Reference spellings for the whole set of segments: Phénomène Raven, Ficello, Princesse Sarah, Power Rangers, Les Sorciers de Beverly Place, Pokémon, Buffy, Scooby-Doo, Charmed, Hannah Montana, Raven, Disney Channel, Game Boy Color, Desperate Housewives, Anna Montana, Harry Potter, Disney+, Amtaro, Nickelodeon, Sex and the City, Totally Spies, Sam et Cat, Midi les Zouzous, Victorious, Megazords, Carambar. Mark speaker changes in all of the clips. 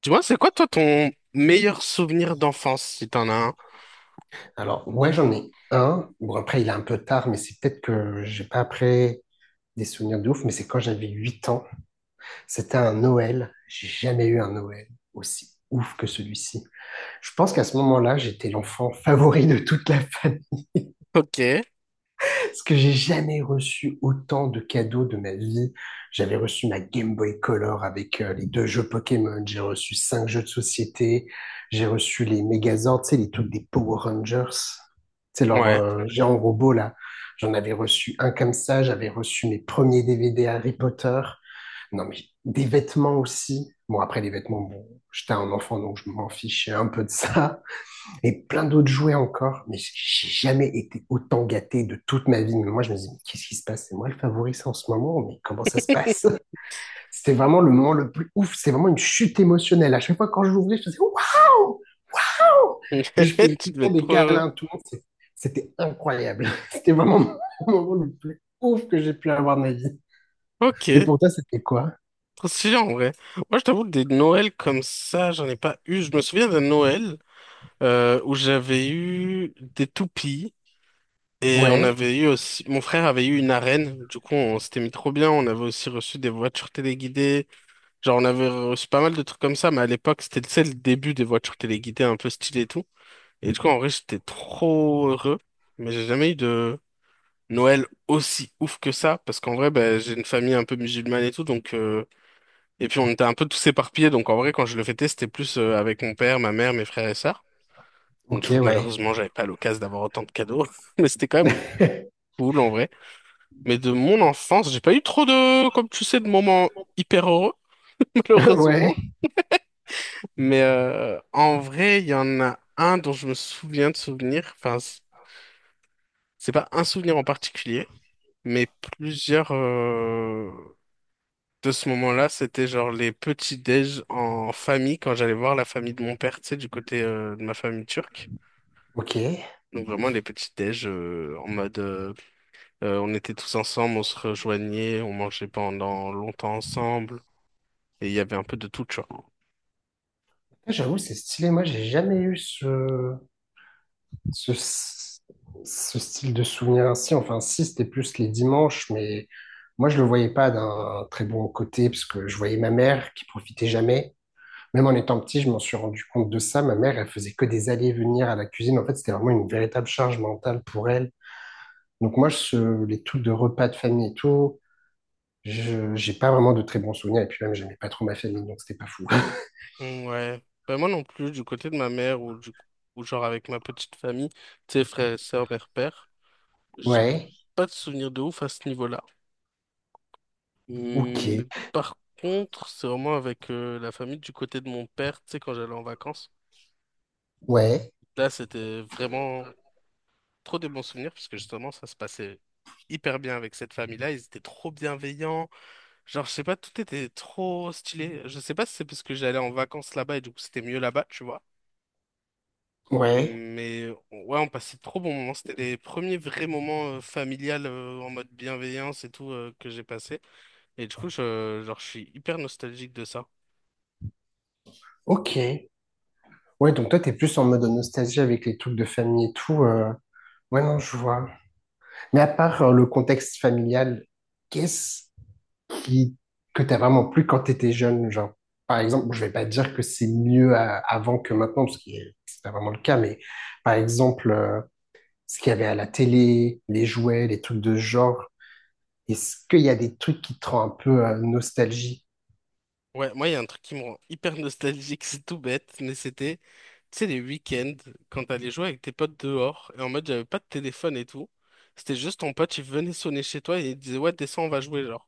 Speaker 1: Tu vois, c'est quoi toi ton meilleur souvenir d'enfance, si t'en as un?
Speaker 2: Alors, ouais, j'en ai un. Bon, après, il est un peu tard, mais c'est peut-être que j'ai pas après des souvenirs de ouf, mais c'est quand j'avais 8 ans. C'était un Noël. J'ai jamais eu un Noël aussi ouf que celui-ci. Je pense qu'à ce moment-là, j'étais l'enfant favori de toute la famille.
Speaker 1: Ok,
Speaker 2: Parce que j'ai jamais reçu autant de cadeaux de ma vie. J'avais reçu ma Game Boy Color avec les deux jeux Pokémon. J'ai reçu cinq jeux de société. J'ai reçu les Megazords, tu sais, les trucs des Power Rangers. C'est leur
Speaker 1: ouais.
Speaker 2: géant robot là. J'en avais reçu un comme ça. J'avais reçu mes premiers DVD Harry Potter. Non mais des vêtements aussi. Bon après les vêtements, bon, j'étais un enfant donc je m'en fichais un peu de ça et plein d'autres jouets encore, mais j'ai jamais été autant gâté de toute ma vie. Mais moi, je me dis, mais qu'est-ce qui se passe? C'est moi le favori en ce moment, mais comment ça se passe? C'était vraiment le moment le plus ouf, c'est vraiment une chute émotionnelle. À chaque fois, quand je l'ouvrais, je faisais waouh! Je faisais tout
Speaker 1: Tu
Speaker 2: le
Speaker 1: devais
Speaker 2: temps
Speaker 1: être
Speaker 2: des
Speaker 1: trop heureux.
Speaker 2: câlins, tout le monde. C'était incroyable. C'était vraiment le moment le plus ouf que j'ai pu avoir de ma vie.
Speaker 1: Ok,
Speaker 2: Et pour toi, c'était quoi?
Speaker 1: trop stylé en vrai. Moi, je t'avoue, des Noëls comme ça, j'en ai pas eu. Je me souviens d'un Noël où j'avais eu des toupies et on
Speaker 2: Ouais,
Speaker 1: avait eu aussi. Mon frère avait eu une arène. Du coup, on s'était mis trop bien. On avait aussi reçu des voitures téléguidées. Genre, on avait reçu pas mal de trucs comme ça, mais à l'époque, c'était, tu sais, le début des voitures téléguidées un peu stylées et tout. Et du coup, en vrai, j'étais trop heureux, mais j'ai jamais eu de Noël aussi ouf que ça, parce qu'en vrai, ben, j'ai une famille un peu musulmane et tout, donc et puis on était un peu tous éparpillés, donc en vrai, quand je le fêtais, c'était plus avec mon père, ma mère, mes frères et sœurs. Donc, du
Speaker 2: ok,
Speaker 1: coup,
Speaker 2: ouais.
Speaker 1: malheureusement, j'avais pas l'occasion d'avoir autant de cadeaux, mais c'était quand même cool en vrai. Mais de mon enfance, j'ai pas eu trop de, comme tu sais, de moments hyper heureux,
Speaker 2: Ouais,
Speaker 1: malheureusement. Mais en vrai, il y en a un dont je me souviens de souvenir, enfin, c'est pas un souvenir en particulier. Mais plusieurs de ce moment-là, c'était genre les petits-déj en famille, quand j'allais voir la famille de mon père, tu sais, du côté de ma famille turque.
Speaker 2: ok.
Speaker 1: Donc vraiment les petits-déj en mode on était tous ensemble, on se rejoignait, on mangeait pendant longtemps ensemble, et il y avait un peu de tout, tu vois.
Speaker 2: J'avoue, c'est stylé. Moi, j'ai jamais eu ce. ce, ce style de souvenir ainsi. Enfin, si, c'était plus les dimanches, mais moi, je le voyais pas d'un très bon côté, parce que je voyais ma mère qui profitait jamais. Même en étant petit, je m'en suis rendu compte de ça. Ma mère, elle faisait que des allers-venir à la cuisine. En fait, c'était vraiment une véritable charge mentale pour elle. Donc moi, les trucs de repas de famille et tout, j'ai pas vraiment de très bons souvenirs. Et puis même, j'aimais pas trop ma famille, donc c'était pas fou.
Speaker 1: Ouais, ben moi non plus, du côté de ma mère ou du ou genre avec ma petite famille, tu sais, frères et sœurs, mère-père, j'ai
Speaker 2: Ouais,
Speaker 1: pas de souvenir de ouf à ce niveau-là. Hmm.
Speaker 2: ok,
Speaker 1: Par contre, c'est vraiment avec la famille du côté de mon père, tu sais, quand j'allais en vacances.
Speaker 2: ouais,
Speaker 1: Là, c'était vraiment trop des bons souvenirs, parce que justement, ça se passait hyper bien avec cette famille-là. Ils étaient trop bienveillants. Genre, je sais pas, tout était trop stylé. Je sais pas si c'est parce que j'allais en vacances là-bas et du coup, c'était mieux là-bas, tu vois.
Speaker 2: ouais,
Speaker 1: Mais ouais, on passait de trop bons moments. C'était les premiers vrais moments familial en mode bienveillance et tout que j'ai passé. Et du coup, genre, je suis hyper nostalgique de ça.
Speaker 2: ok. Ouais, donc toi, t'es plus en mode nostalgie avec les trucs de famille et tout. Ouais, non, je vois. Mais à part le contexte familial, qu'est-ce qui... que t'as vraiment plu quand t'étais jeune, genre? Par exemple, je vais pas dire que c'est mieux avant que maintenant, parce que c'est pas vraiment le cas, mais par exemple, ce qu'il y avait à la télé, les jouets, les trucs de ce genre, est-ce qu'il y a des trucs qui te rendent un peu nostalgie?
Speaker 1: Ouais, moi, il y a un truc qui me rend hyper nostalgique, c'est tout bête, mais c'était, tu sais, les week-ends, quand t'allais jouer avec tes potes dehors, et en mode, j'avais pas de téléphone et tout. C'était juste ton pote, il venait sonner chez toi et il disait, ouais, descends, on va jouer, genre.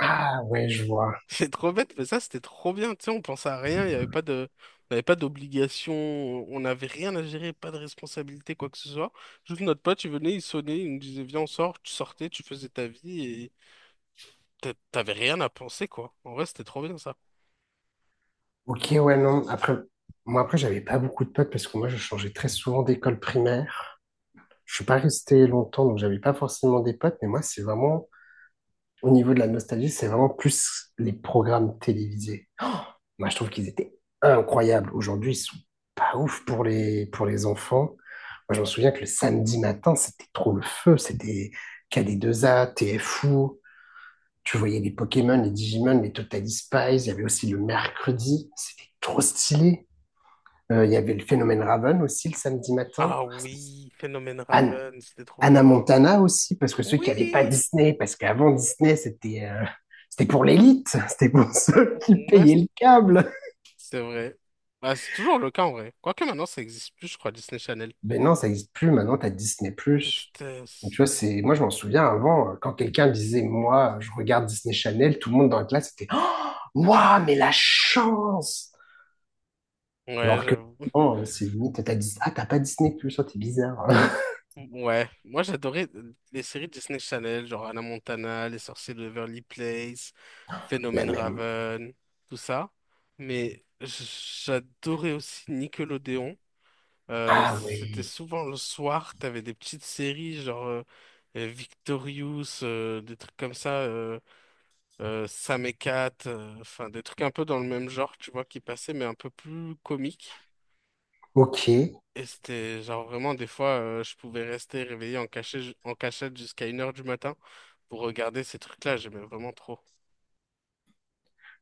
Speaker 2: Ah, ouais, je vois.
Speaker 1: C'est trop bête, mais ça, c'était trop bien, tu sais, on pensait à rien, il y avait pas de, on avait pas d'obligation, on n'avait rien à gérer, pas de responsabilité, quoi que ce soit. Juste notre pote, il venait, il sonnait, il nous disait, viens, on sort, tu sortais, tu faisais ta vie, et t'avais rien à penser, quoi. En vrai, c'était trop bien, ça.
Speaker 2: Ok, ouais, non. Après, moi, après, j'avais pas beaucoup de potes parce que moi, je changeais très souvent d'école primaire. Je suis pas resté longtemps, donc j'avais pas forcément des potes. Mais moi, c'est vraiment, au niveau de la nostalgie, c'est vraiment plus les programmes télévisés. Oh, moi, je trouve qu'ils étaient incroyables. Aujourd'hui, ils sont pas ouf pour les enfants. Moi, je me souviens que le samedi matin, c'était trop le feu. C'était KD2A TFO. Tu voyais les Pokémon, les Digimon, les Totally Spies. Il y avait aussi le mercredi. C'était trop stylé. Il y avait le phénomène Raven aussi le samedi matin.
Speaker 1: Ah oui, Phénomène
Speaker 2: Anne-
Speaker 1: Raven, c'était trop
Speaker 2: Anna
Speaker 1: bien.
Speaker 2: Montana aussi, parce que ceux qui n'avaient pas
Speaker 1: Oui!
Speaker 2: Disney, parce qu'avant Disney, c'était pour l'élite, c'était pour ceux qui
Speaker 1: Ouais,
Speaker 2: payaient le câble.
Speaker 1: c'est vrai. Bah, c'est toujours le cas en vrai. Quoique maintenant, ça existe plus, je crois, Disney Channel.
Speaker 2: Mais non, ça n'existe plus, maintenant tu as Disney+. Plus. Donc, tu
Speaker 1: Tristesse.
Speaker 2: vois, c'est... Moi, je m'en souviens avant, quand quelqu'un disait, moi, je regarde Disney Channel, tout le monde dans la classe était, oh, waouh, mais la chance!
Speaker 1: Ouais,
Speaker 2: Alors que,
Speaker 1: j'avoue.
Speaker 2: non, c'est limite, t'as Disney ah, t'as pas Disney+, Plus oh, t'es bizarre.
Speaker 1: Ouais, moi j'adorais les séries Disney Channel, genre Hannah Montana, Les Sorciers de Beverly Place,
Speaker 2: La
Speaker 1: Phénomène
Speaker 2: même.
Speaker 1: Raven, tout ça. Mais j'adorais aussi Nickelodeon.
Speaker 2: Ah
Speaker 1: C'était
Speaker 2: oui,
Speaker 1: souvent le soir, t'avais des petites séries genre Victorious, des trucs comme ça, Sam et Cat, enfin des trucs un peu dans le même genre, tu vois, qui passaient, mais un peu plus comiques.
Speaker 2: ok.
Speaker 1: Et c'était genre vraiment des fois, je pouvais rester réveillé en cachette jusqu'à 1 h du matin pour regarder ces trucs-là, j'aimais vraiment trop.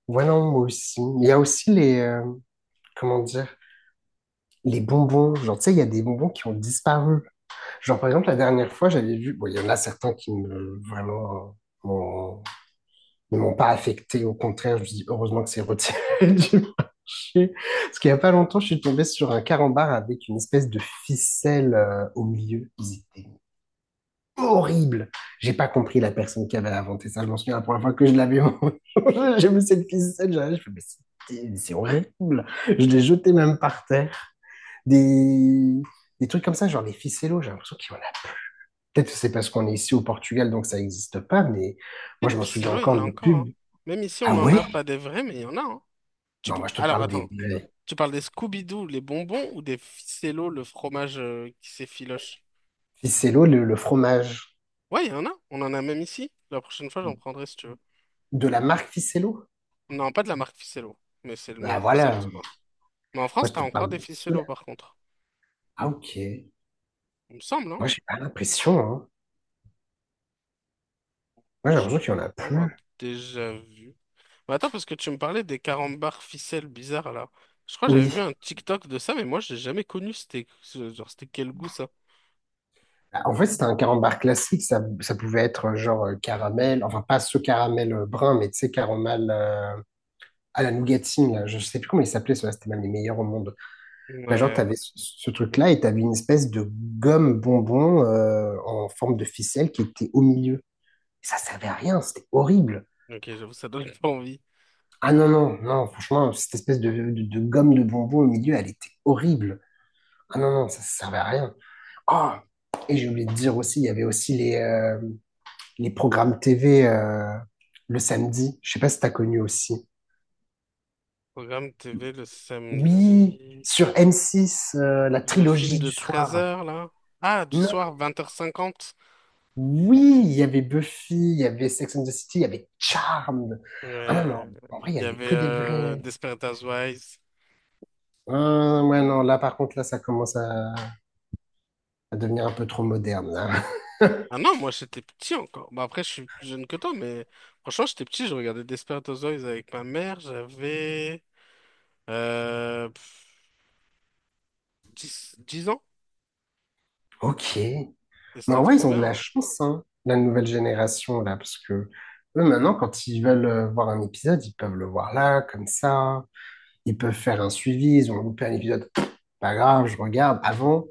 Speaker 2: Ouais, non, moi aussi. Il y a aussi les, comment dire, les bonbons. Genre, tu sais, il y a des bonbons qui ont disparu. Genre, par exemple, la dernière fois, j'avais vu, bon, il y en a certains qui me, vraiment, m'ont- ne m'ont pas affecté. Au contraire, je me dis, heureusement que c'est retiré du marché. Parce qu'il n'y a pas longtemps, je suis tombé sur un carambar avec une espèce de ficelle, au milieu. Horrible. J'ai pas compris la personne qui avait inventé ça. Je m'en souviens la première fois que je l'avais. J'ai vu cette ficelle. Je fais, mais c'est horrible. Je l'ai jeté même par terre. Des, des trucs comme ça, genre les ficellos, j'ai l'impression qu'il y en a. Peut-être que c'est parce qu'on est ici au Portugal, donc ça n'existe pas, mais
Speaker 1: Et
Speaker 2: moi,
Speaker 1: les
Speaker 2: je m'en souviens
Speaker 1: Psy-là, il y
Speaker 2: encore
Speaker 1: en a
Speaker 2: les
Speaker 1: encore, hein.
Speaker 2: pubs.
Speaker 1: Même ici, on
Speaker 2: Ah
Speaker 1: n'en
Speaker 2: ouais?
Speaker 1: a pas des vrais, mais il y en a, hein.
Speaker 2: Non, moi, je te
Speaker 1: Alors
Speaker 2: parle des
Speaker 1: attends.
Speaker 2: vrais.
Speaker 1: Tu parles des Scooby-Doo, les bonbons, ou des Ficello, le fromage qui s'effiloche?
Speaker 2: Ficello, le fromage
Speaker 1: Ouais, il y en a. On en a même ici. La prochaine fois, j'en prendrai si tu veux.
Speaker 2: de la marque Ficello.
Speaker 1: Non, pas de la marque Ficello, mais c'est le
Speaker 2: Ah
Speaker 1: même
Speaker 2: voilà.
Speaker 1: concept,
Speaker 2: Moi,
Speaker 1: quoi. Mais en France,
Speaker 2: je
Speaker 1: t'as
Speaker 2: te
Speaker 1: encore
Speaker 2: parle
Speaker 1: des
Speaker 2: de ceux-là.
Speaker 1: Ficello, par contre.
Speaker 2: Ah ok.
Speaker 1: Il me semble, hein?
Speaker 2: Moi, j'ai pas l'impression, hein. Moi, j'ai
Speaker 1: Je
Speaker 2: l'impression qu'il y en a
Speaker 1: crois avoir
Speaker 2: plus.
Speaker 1: déjà vu. Mais attends, parce que tu me parlais des carambars ficelles bizarres, là. Je crois que j'avais
Speaker 2: Oui,
Speaker 1: vu un TikTok de ça, mais moi, j'ai jamais connu. C'était, genre, c'était quel goût, ça?
Speaker 2: bah, en fait, c'était un carambar classique. Ça pouvait être genre caramel, enfin pas ce caramel brun, mais tu sais, caramel à la nougatine. Là. Je sais plus comment il s'appelait, cela c'était même les meilleurs au monde. Bah, genre,
Speaker 1: Ouais,
Speaker 2: t'avais ce truc-là et t'avais une espèce de gomme bonbon en forme de ficelle qui était au milieu. Ça servait à rien, c'était horrible.
Speaker 1: ok, j'avoue, ça donne pas envie.
Speaker 2: Ah non, non, non, franchement, cette espèce de gomme de bonbon au milieu, elle était horrible. Ah non, non, ça servait à rien. Ah, et j'ai oublié de dire aussi, il y avait aussi les programmes TV le samedi. Je sais pas si t'as connu aussi.
Speaker 1: Programme TV le
Speaker 2: Oui,
Speaker 1: samedi.
Speaker 2: sur M6, la
Speaker 1: Le film
Speaker 2: trilogie
Speaker 1: de
Speaker 2: du
Speaker 1: treize
Speaker 2: soir.
Speaker 1: heures là? Ah, du
Speaker 2: Non.
Speaker 1: soir, 20 h 50.
Speaker 2: Oui, il y avait Buffy, il y avait Sex and the City, il y avait Charmed. Ah non,
Speaker 1: Ouais.
Speaker 2: non, en vrai, il y
Speaker 1: Il y
Speaker 2: avait
Speaker 1: avait
Speaker 2: que des vrais.
Speaker 1: Desperate Housewives.
Speaker 2: Ah, ouais, non, là, par contre, là, ça commence à devenir un peu trop moderne, là.
Speaker 1: Ah non, moi j'étais petit encore. Bah, après, je suis plus jeune que toi, mais franchement, j'étais petit, je regardais Desperate Housewives avec ma mère. J'avais euh, pff, 10, 10 ans.
Speaker 2: Ok.
Speaker 1: Et
Speaker 2: Mais
Speaker 1: c'était
Speaker 2: en vrai,
Speaker 1: trop
Speaker 2: ils ont de
Speaker 1: bien,
Speaker 2: la
Speaker 1: hein.
Speaker 2: chance, hein, la nouvelle génération, là, parce que eux, maintenant, quand ils veulent voir un épisode, ils peuvent le voir là, comme ça. Ils peuvent faire un suivi, ils ont loupé un épisode, pas grave, je regarde. Avant,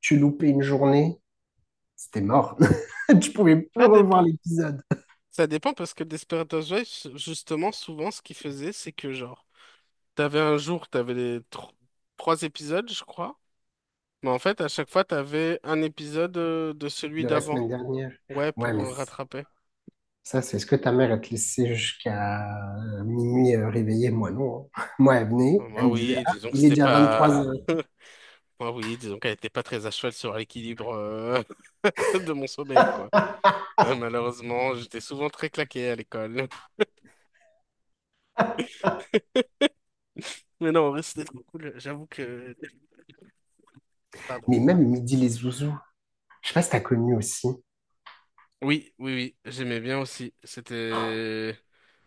Speaker 2: tu loupais une journée, c'était mort. Tu pouvais plus
Speaker 1: Ça
Speaker 2: revoir
Speaker 1: dépend.
Speaker 2: l'épisode
Speaker 1: Ça dépend parce que Desperate Housewives, justement, souvent, ce qu'ils faisaient, c'est que genre, t'avais un jour, t'avais les trois épisodes, je crois. Mais en fait, à chaque fois, t'avais un épisode de celui
Speaker 2: de la
Speaker 1: d'avant.
Speaker 2: semaine dernière.
Speaker 1: Ouais,
Speaker 2: Ouais,
Speaker 1: pour
Speaker 2: mais
Speaker 1: rattraper.
Speaker 2: ça, c'est ce que ta mère, elle te laissait jusqu'à minuit réveillée. Moi, non. Hein. Moi, elle venait, elle
Speaker 1: Moi,
Speaker 2: me disait,
Speaker 1: oui,
Speaker 2: ah,
Speaker 1: disons que
Speaker 2: il est
Speaker 1: c'était
Speaker 2: déjà vingt-trois
Speaker 1: pas.
Speaker 2: heures.
Speaker 1: Moi, oui, disons qu'elle était pas très à cheval sur l'équilibre de mon sommeil, quoi. Malheureusement, j'étais souvent très claqué à l'école. Mais non, en vrai, c'était trop cool. J'avoue que. Pardon.
Speaker 2: Mais même midi les zouzous. Je sais pas si t'as connu aussi.
Speaker 1: Oui, oui, oui, j'aimais bien aussi. C'était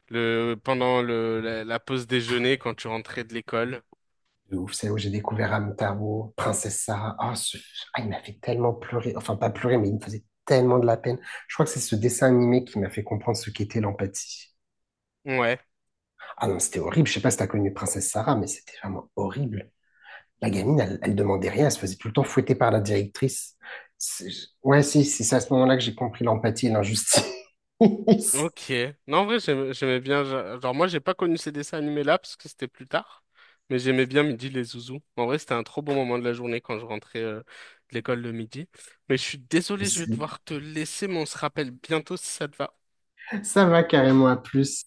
Speaker 1: le pendant le la, la pause déjeuner quand tu rentrais de l'école.
Speaker 2: De ouf. C'est là où j'ai découvert Amtaro, Princesse Sarah. Il m'a fait tellement pleurer. Enfin, pas pleurer, mais il me faisait tellement de la peine. Je crois que c'est ce dessin animé qui m'a fait comprendre ce qu'était l'empathie.
Speaker 1: Ouais.
Speaker 2: Ah non, c'était horrible. Je sais pas si t'as connu Princesse Sarah, mais c'était vraiment horrible. La gamine, elle, elle demandait rien. Elle se faisait tout le temps fouetter par la directrice. C'est- Ouais, si, si, c'est à ce moment-là que j'ai compris l'empathie et l'injustice.
Speaker 1: Ok. Non, en vrai, j'aimais bien. Genre, moi, j'ai pas connu ces dessins animés-là parce que c'était plus tard. Mais j'aimais bien Midi les Zouzous. En vrai, c'était un trop bon moment de la journée quand je rentrais de l'école le midi. Mais je suis désolé, je vais
Speaker 2: Aussi.
Speaker 1: devoir te laisser, mais on se rappelle bientôt si ça te va.
Speaker 2: Ça va carrément à plus.